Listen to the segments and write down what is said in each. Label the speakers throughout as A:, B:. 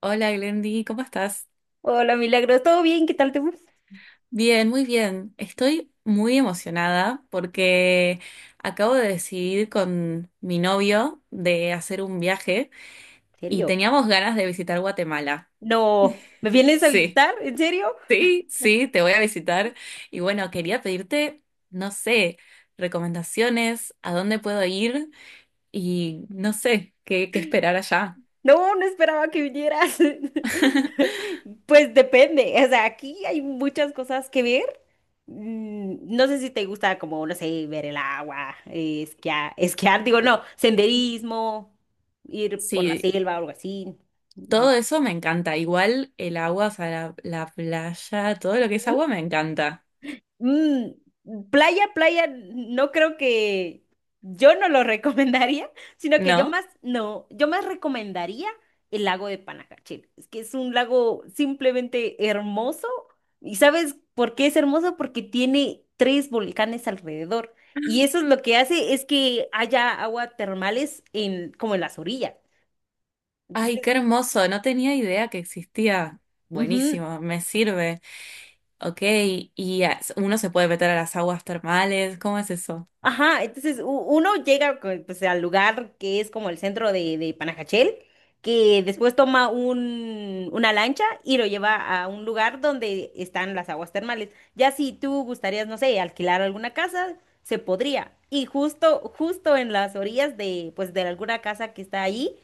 A: Hola Glendy, ¿cómo estás?
B: Hola, Milagros, ¿todo bien? ¿Qué tal te fue? ¿En
A: Bien, muy bien. Estoy muy emocionada porque acabo de decidir con mi novio de hacer un viaje y
B: serio?
A: teníamos ganas de visitar Guatemala.
B: No, ¿me vienes a
A: Sí,
B: visitar? ¿En serio?
A: sí, sí, te voy a visitar. Y bueno, quería pedirte, no sé, recomendaciones, a dónde puedo ir y no sé, qué esperar allá.
B: No, no esperaba que vinieras. Pues depende, o sea, aquí hay muchas cosas que ver. No sé si te gusta como, no sé, ver el agua, esquiar, esquiar, digo, no, senderismo, ir por la
A: Sí,
B: selva o algo así.
A: todo eso me encanta. Igual el agua, o sea, la playa, todo lo que es agua me encanta,
B: Mm, Playa, playa, no creo que yo no lo recomendaría, sino que yo
A: ¿no?
B: más, no, yo más recomendaría el lago de Panajachel. Es que es un lago simplemente hermoso. ¿Y sabes por qué es hermoso? Porque tiene tres volcanes alrededor. Y eso es lo que hace es que haya agua termales en, como en las orillas.
A: Ay,
B: Entonces,
A: qué hermoso. No tenía idea que existía.
B: ujú.
A: Buenísimo, me sirve. Ok, y uno se puede meter a las aguas termales. ¿Cómo es eso?
B: Ajá, entonces uno llega pues, al lugar que es como el centro de Panajachel, que después toma una lancha y lo lleva a un lugar donde están las aguas termales. Ya si tú gustarías, no sé, alquilar alguna casa, se podría. Y justo, justo en las orillas de, pues, de alguna casa que está ahí,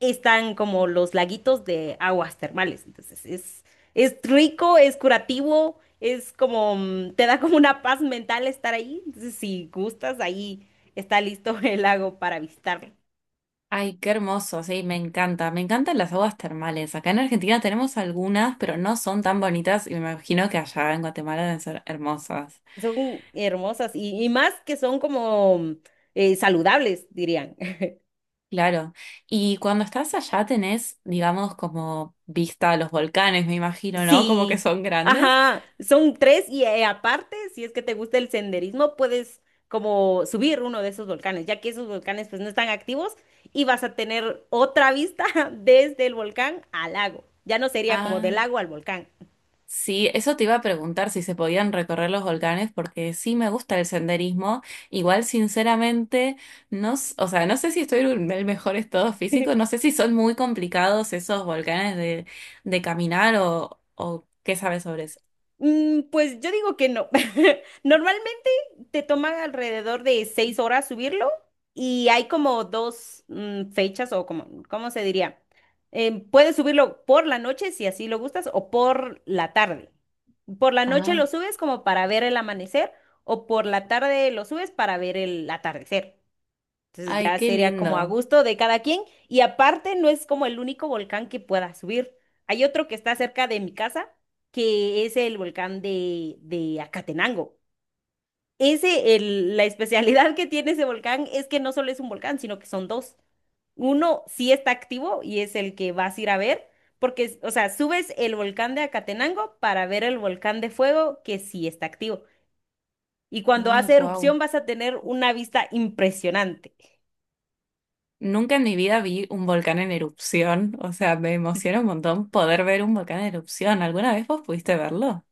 B: están como los laguitos de aguas termales. Entonces es rico, es curativo, es como, te da como una paz mental estar ahí. Entonces si gustas, ahí está listo el lago para visitarlo.
A: Ay, qué hermoso. Sí, me encanta. Me encantan las aguas termales. Acá en Argentina tenemos algunas, pero no son tan bonitas y me imagino que allá en Guatemala deben ser hermosas.
B: Son hermosas y más que son como saludables, dirían.
A: Claro. Y cuando estás allá tenés, digamos, como vista a los volcanes, me imagino, ¿no? Como que
B: Sí,
A: son grandes.
B: ajá, son tres y aparte, si es que te gusta el senderismo, puedes como subir uno de esos volcanes, ya que esos volcanes pues no están activos y vas a tener otra vista desde el volcán al lago. Ya no sería como del
A: Ah,
B: lago al volcán.
A: sí, eso te iba a preguntar si se podían recorrer los volcanes, porque sí me gusta el senderismo. Igual, sinceramente, no, o sea, no sé si estoy en el mejor estado físico, no sé si son muy complicados esos volcanes de caminar o qué sabes sobre eso.
B: Pues yo digo que no. Normalmente te toma alrededor de 6 horas subirlo y hay como dos fechas o como, ¿cómo se diría? Puedes subirlo por la noche si así lo gustas o por la tarde. Por la noche
A: Ah,
B: lo subes como para ver el amanecer o por la tarde lo subes para ver el atardecer. Entonces
A: ay,
B: ya
A: qué
B: sería como a
A: lindo.
B: gusto de cada quien. Y aparte no es como el único volcán que pueda subir. Hay otro que está cerca de mi casa, que es el volcán de Acatenango. Ese, la especialidad que tiene ese volcán es que no solo es un volcán, sino que son dos. Uno sí está activo y es el que vas a ir a ver, porque, o sea, subes el volcán de Acatenango para ver el volcán de fuego que sí está activo. Y cuando
A: Ah,
B: hace
A: wow.
B: erupción vas a tener una vista impresionante.
A: Nunca en mi vida vi un volcán en erupción, o sea, me emociona un montón poder ver un volcán en erupción. ¿Alguna vez vos pudiste verlo?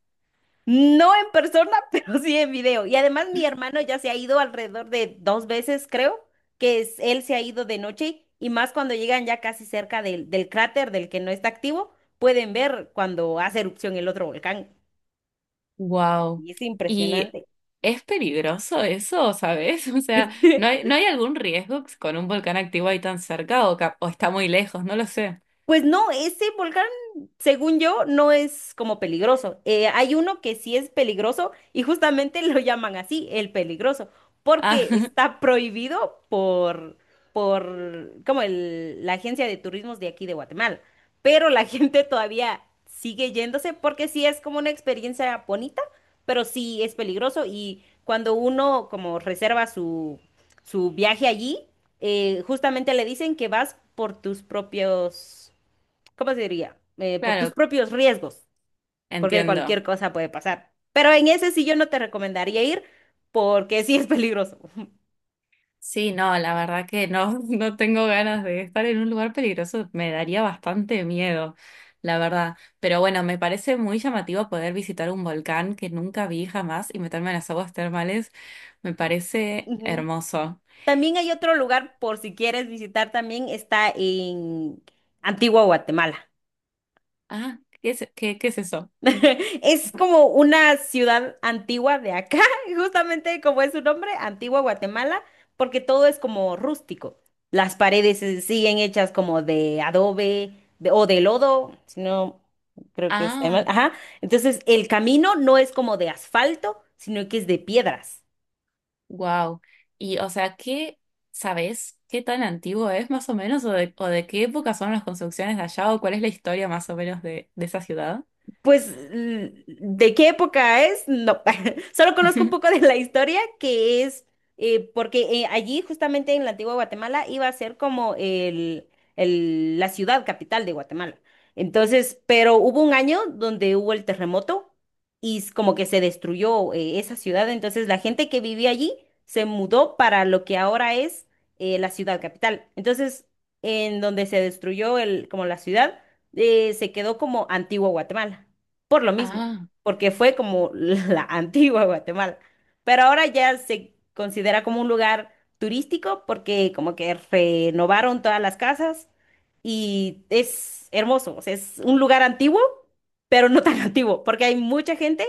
B: No en persona, pero sí en video. Y además mi hermano ya se ha ido alrededor de dos veces, creo, él se ha ido de noche y más cuando llegan ya casi cerca del cráter del que no está activo, pueden ver cuando hace erupción el otro volcán.
A: Wow.
B: Y es
A: ¿Y
B: impresionante.
A: es peligroso eso, sabes? O sea, ¿no hay, no hay algún riesgo con un volcán activo ahí tan cerca o, o está muy lejos? No lo sé.
B: Pues no, ese volcán, según yo, no es como peligroso. Hay uno que sí es peligroso y justamente lo llaman así, el peligroso,
A: Ah,
B: porque está prohibido por como la agencia de turismos de aquí de Guatemala. Pero la gente todavía sigue yéndose porque sí es como una experiencia bonita, pero sí es peligroso y cuando uno como reserva su viaje allí, justamente le dicen que vas por tus propios ¿cómo se diría? Por tus
A: claro,
B: propios riesgos, porque
A: entiendo.
B: cualquier cosa puede pasar. Pero en ese sí yo no te recomendaría ir porque sí es peligroso.
A: Sí, no, la verdad que no, no tengo ganas de estar en un lugar peligroso, me daría bastante miedo, la verdad. Pero bueno, me parece muy llamativo poder visitar un volcán que nunca vi jamás y meterme en las aguas termales, me parece
B: Ujú.
A: hermoso.
B: También hay otro lugar por si quieres visitar también, está en Antigua Guatemala.
A: Ah, ¿qué es, qué es eso?
B: Es como una ciudad antigua de acá, justamente como es su nombre, Antigua Guatemala, porque todo es como rústico. Las paredes siguen hechas como de adobe o de lodo, si no creo que está mal.
A: Ah,
B: Ajá. Entonces, el camino no es como de asfalto, sino que es de piedras.
A: wow. Y o sea, ¿qué sabes? ¿Qué tan antiguo es más o menos? O de qué época son las construcciones de allá? ¿O cuál es la historia más o menos de esa ciudad?
B: Pues, ¿de qué época es? No, solo conozco un poco de la historia, que es porque allí, justamente en la antigua Guatemala, iba a ser como la ciudad capital de Guatemala. Entonces, pero hubo un año donde hubo el terremoto y como que se destruyó esa ciudad. Entonces, la gente que vivía allí se mudó para lo que ahora es la ciudad capital. Entonces, en donde se destruyó como la ciudad se quedó como Antigua Guatemala por lo mismo,
A: Ah.
B: porque fue como la antigua Guatemala. Pero ahora ya se considera como un lugar turístico porque como que renovaron todas las casas y es hermoso, o sea, es un lugar antiguo, pero no tan antiguo, porque hay mucha gente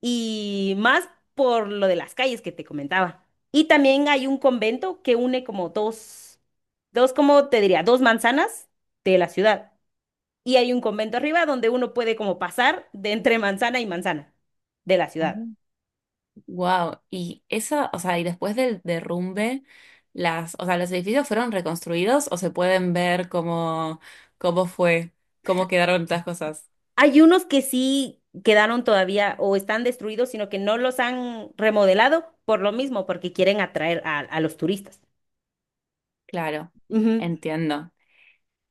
B: y más por lo de las calles que te comentaba. Y también hay un convento que une como como te diría? Dos manzanas de la ciudad y hay un convento arriba donde uno puede como pasar de entre manzana y manzana de la ciudad.
A: Wow, y esa, o sea, y después del derrumbe, las, o sea, los edificios fueron reconstruidos o se pueden ver cómo, cómo fue, cómo quedaron estas cosas.
B: Hay unos que sí quedaron todavía o están destruidos, sino que no los han remodelado por lo mismo, porque quieren atraer a los turistas.
A: Claro,
B: Ujú.
A: entiendo.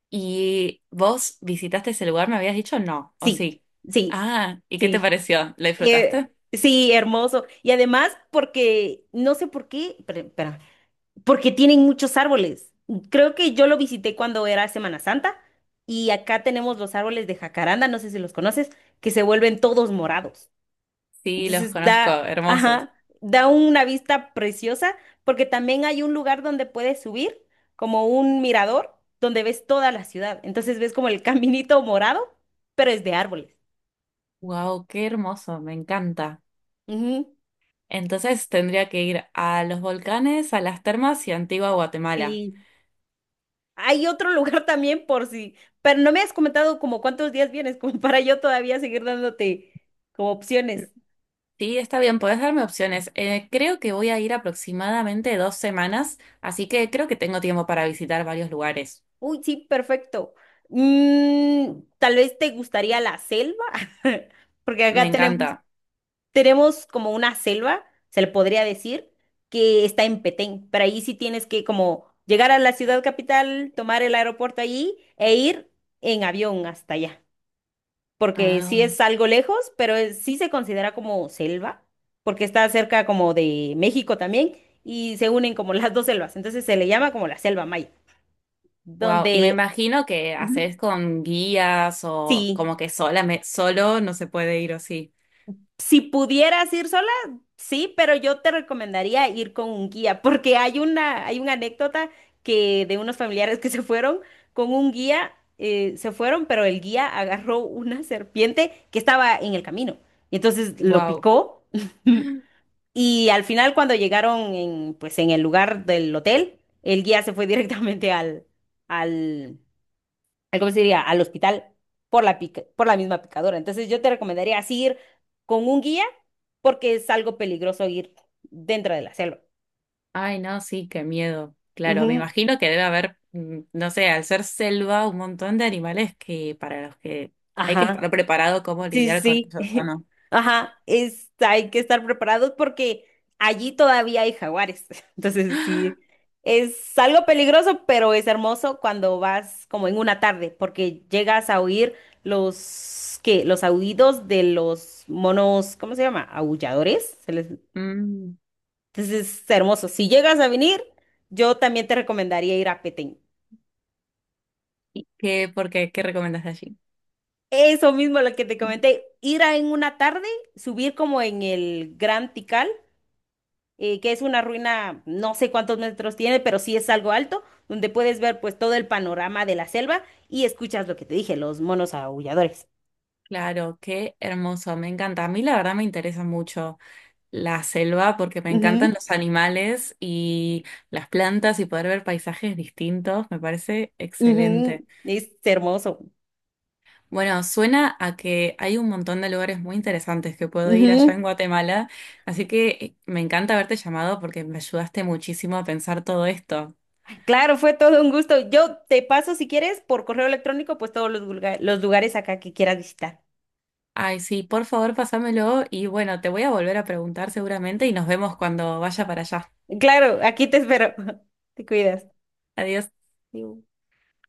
A: ¿Y vos visitaste ese lugar? ¿Me habías dicho no? ¿O
B: Sí,
A: sí?
B: sí,
A: Ah, ¿y qué te
B: sí.
A: pareció? ¿Lo
B: Eh,
A: disfrutaste?
B: sí, hermoso. Y además porque, no sé por qué, pero, espérame, porque tienen muchos árboles. Creo que yo lo visité cuando era Semana Santa y acá tenemos los árboles de jacaranda, no sé si los conoces, que se vuelven todos morados.
A: Sí, los
B: Entonces
A: conozco, hermosos.
B: ajá, da una vista preciosa porque también hay un lugar donde puedes subir, como un mirador, donde ves toda la ciudad. Entonces ves como el caminito morado, pero es de árboles.
A: Wow, qué hermoso, me encanta.
B: Ujú.
A: Entonces tendría que ir a los volcanes, a las termas y a Antigua Guatemala.
B: Y hay otro lugar también por si, pero no me has comentado como cuántos días vienes, como para yo todavía seguir dándote como opciones.
A: Sí, está bien, podés darme opciones. Creo que voy a ir aproximadamente 2 semanas, así que creo que tengo tiempo para visitar varios lugares.
B: Uy, sí, perfecto. Tal vez te gustaría la selva, porque
A: Me
B: acá tenemos,
A: encanta.
B: tenemos como una selva, se le podría decir, que está en Petén, pero ahí sí tienes que como llegar a la ciudad capital, tomar el aeropuerto allí e ir en avión hasta allá. Porque sí
A: Ah,
B: es algo lejos, pero sí se considera como selva, porque está cerca como de México también, y se unen como las dos selvas, entonces se le llama como la selva maya,
A: wow. Y me
B: donde
A: imagino que
B: Ujú.
A: haces con guías o
B: Sí,
A: como que sola, solo no se puede ir o sí.
B: si pudieras ir sola, sí, pero yo te recomendaría ir con un guía, porque hay una anécdota que de unos familiares que se fueron con un guía, se fueron, pero el guía agarró una serpiente que estaba en el camino, y entonces lo
A: Wow.
B: picó. Y al final, cuando llegaron en, pues, en el lugar del hotel, el guía se fue directamente al, ¿cómo se diría? Al hospital por la misma picadora. Entonces, yo te recomendaría así ir con un guía porque es algo peligroso ir dentro de la selva.
A: Ay, no, sí, qué miedo. Claro, me
B: Ujú.
A: imagino que debe haber, mm, no sé, al ser selva, un montón de animales que para los que hay que estar
B: Ajá.
A: preparado cómo
B: Sí,
A: lidiar con
B: sí.
A: ellos, ¿o no?
B: Ajá, hay que estar preparados porque allí todavía hay jaguares. Entonces, sí, es algo peligroso, pero es hermoso cuando vas como en una tarde, porque llegas a oír los aullidos de los monos, ¿cómo se llama? Aulladores.
A: Mm,
B: Entonces, es hermoso. Si llegas a venir, yo también te recomendaría ir a Petén.
A: ¿qué, por qué, qué recomendás de allí?
B: Eso mismo lo que te comenté, ir a en una tarde, subir como en el Gran Tikal que es una ruina, no sé cuántos metros tiene, pero sí es algo alto, donde puedes ver pues todo el panorama de la selva y escuchas lo que te dije, los monos aulladores.
A: Claro, qué hermoso, me encanta. A mí la verdad me interesa mucho la selva porque me encantan
B: Ujú,
A: los animales y las plantas y poder ver paisajes distintos, me parece excelente.
B: ujú, es hermoso.
A: Bueno, suena a que hay un montón de lugares muy interesantes que puedo ir allá en
B: Ujú.
A: Guatemala, así que me encanta haberte llamado porque me ayudaste muchísimo a pensar todo esto.
B: Claro, fue todo un gusto. Yo te paso, si quieres, por correo electrónico, pues todos los lugares acá que quieras visitar.
A: Ay, sí, por favor, pásamelo y bueno, te voy a volver a preguntar seguramente y nos vemos cuando vaya para allá.
B: Claro, aquí te espero. Te cuidas.
A: Adiós.
B: Adiós.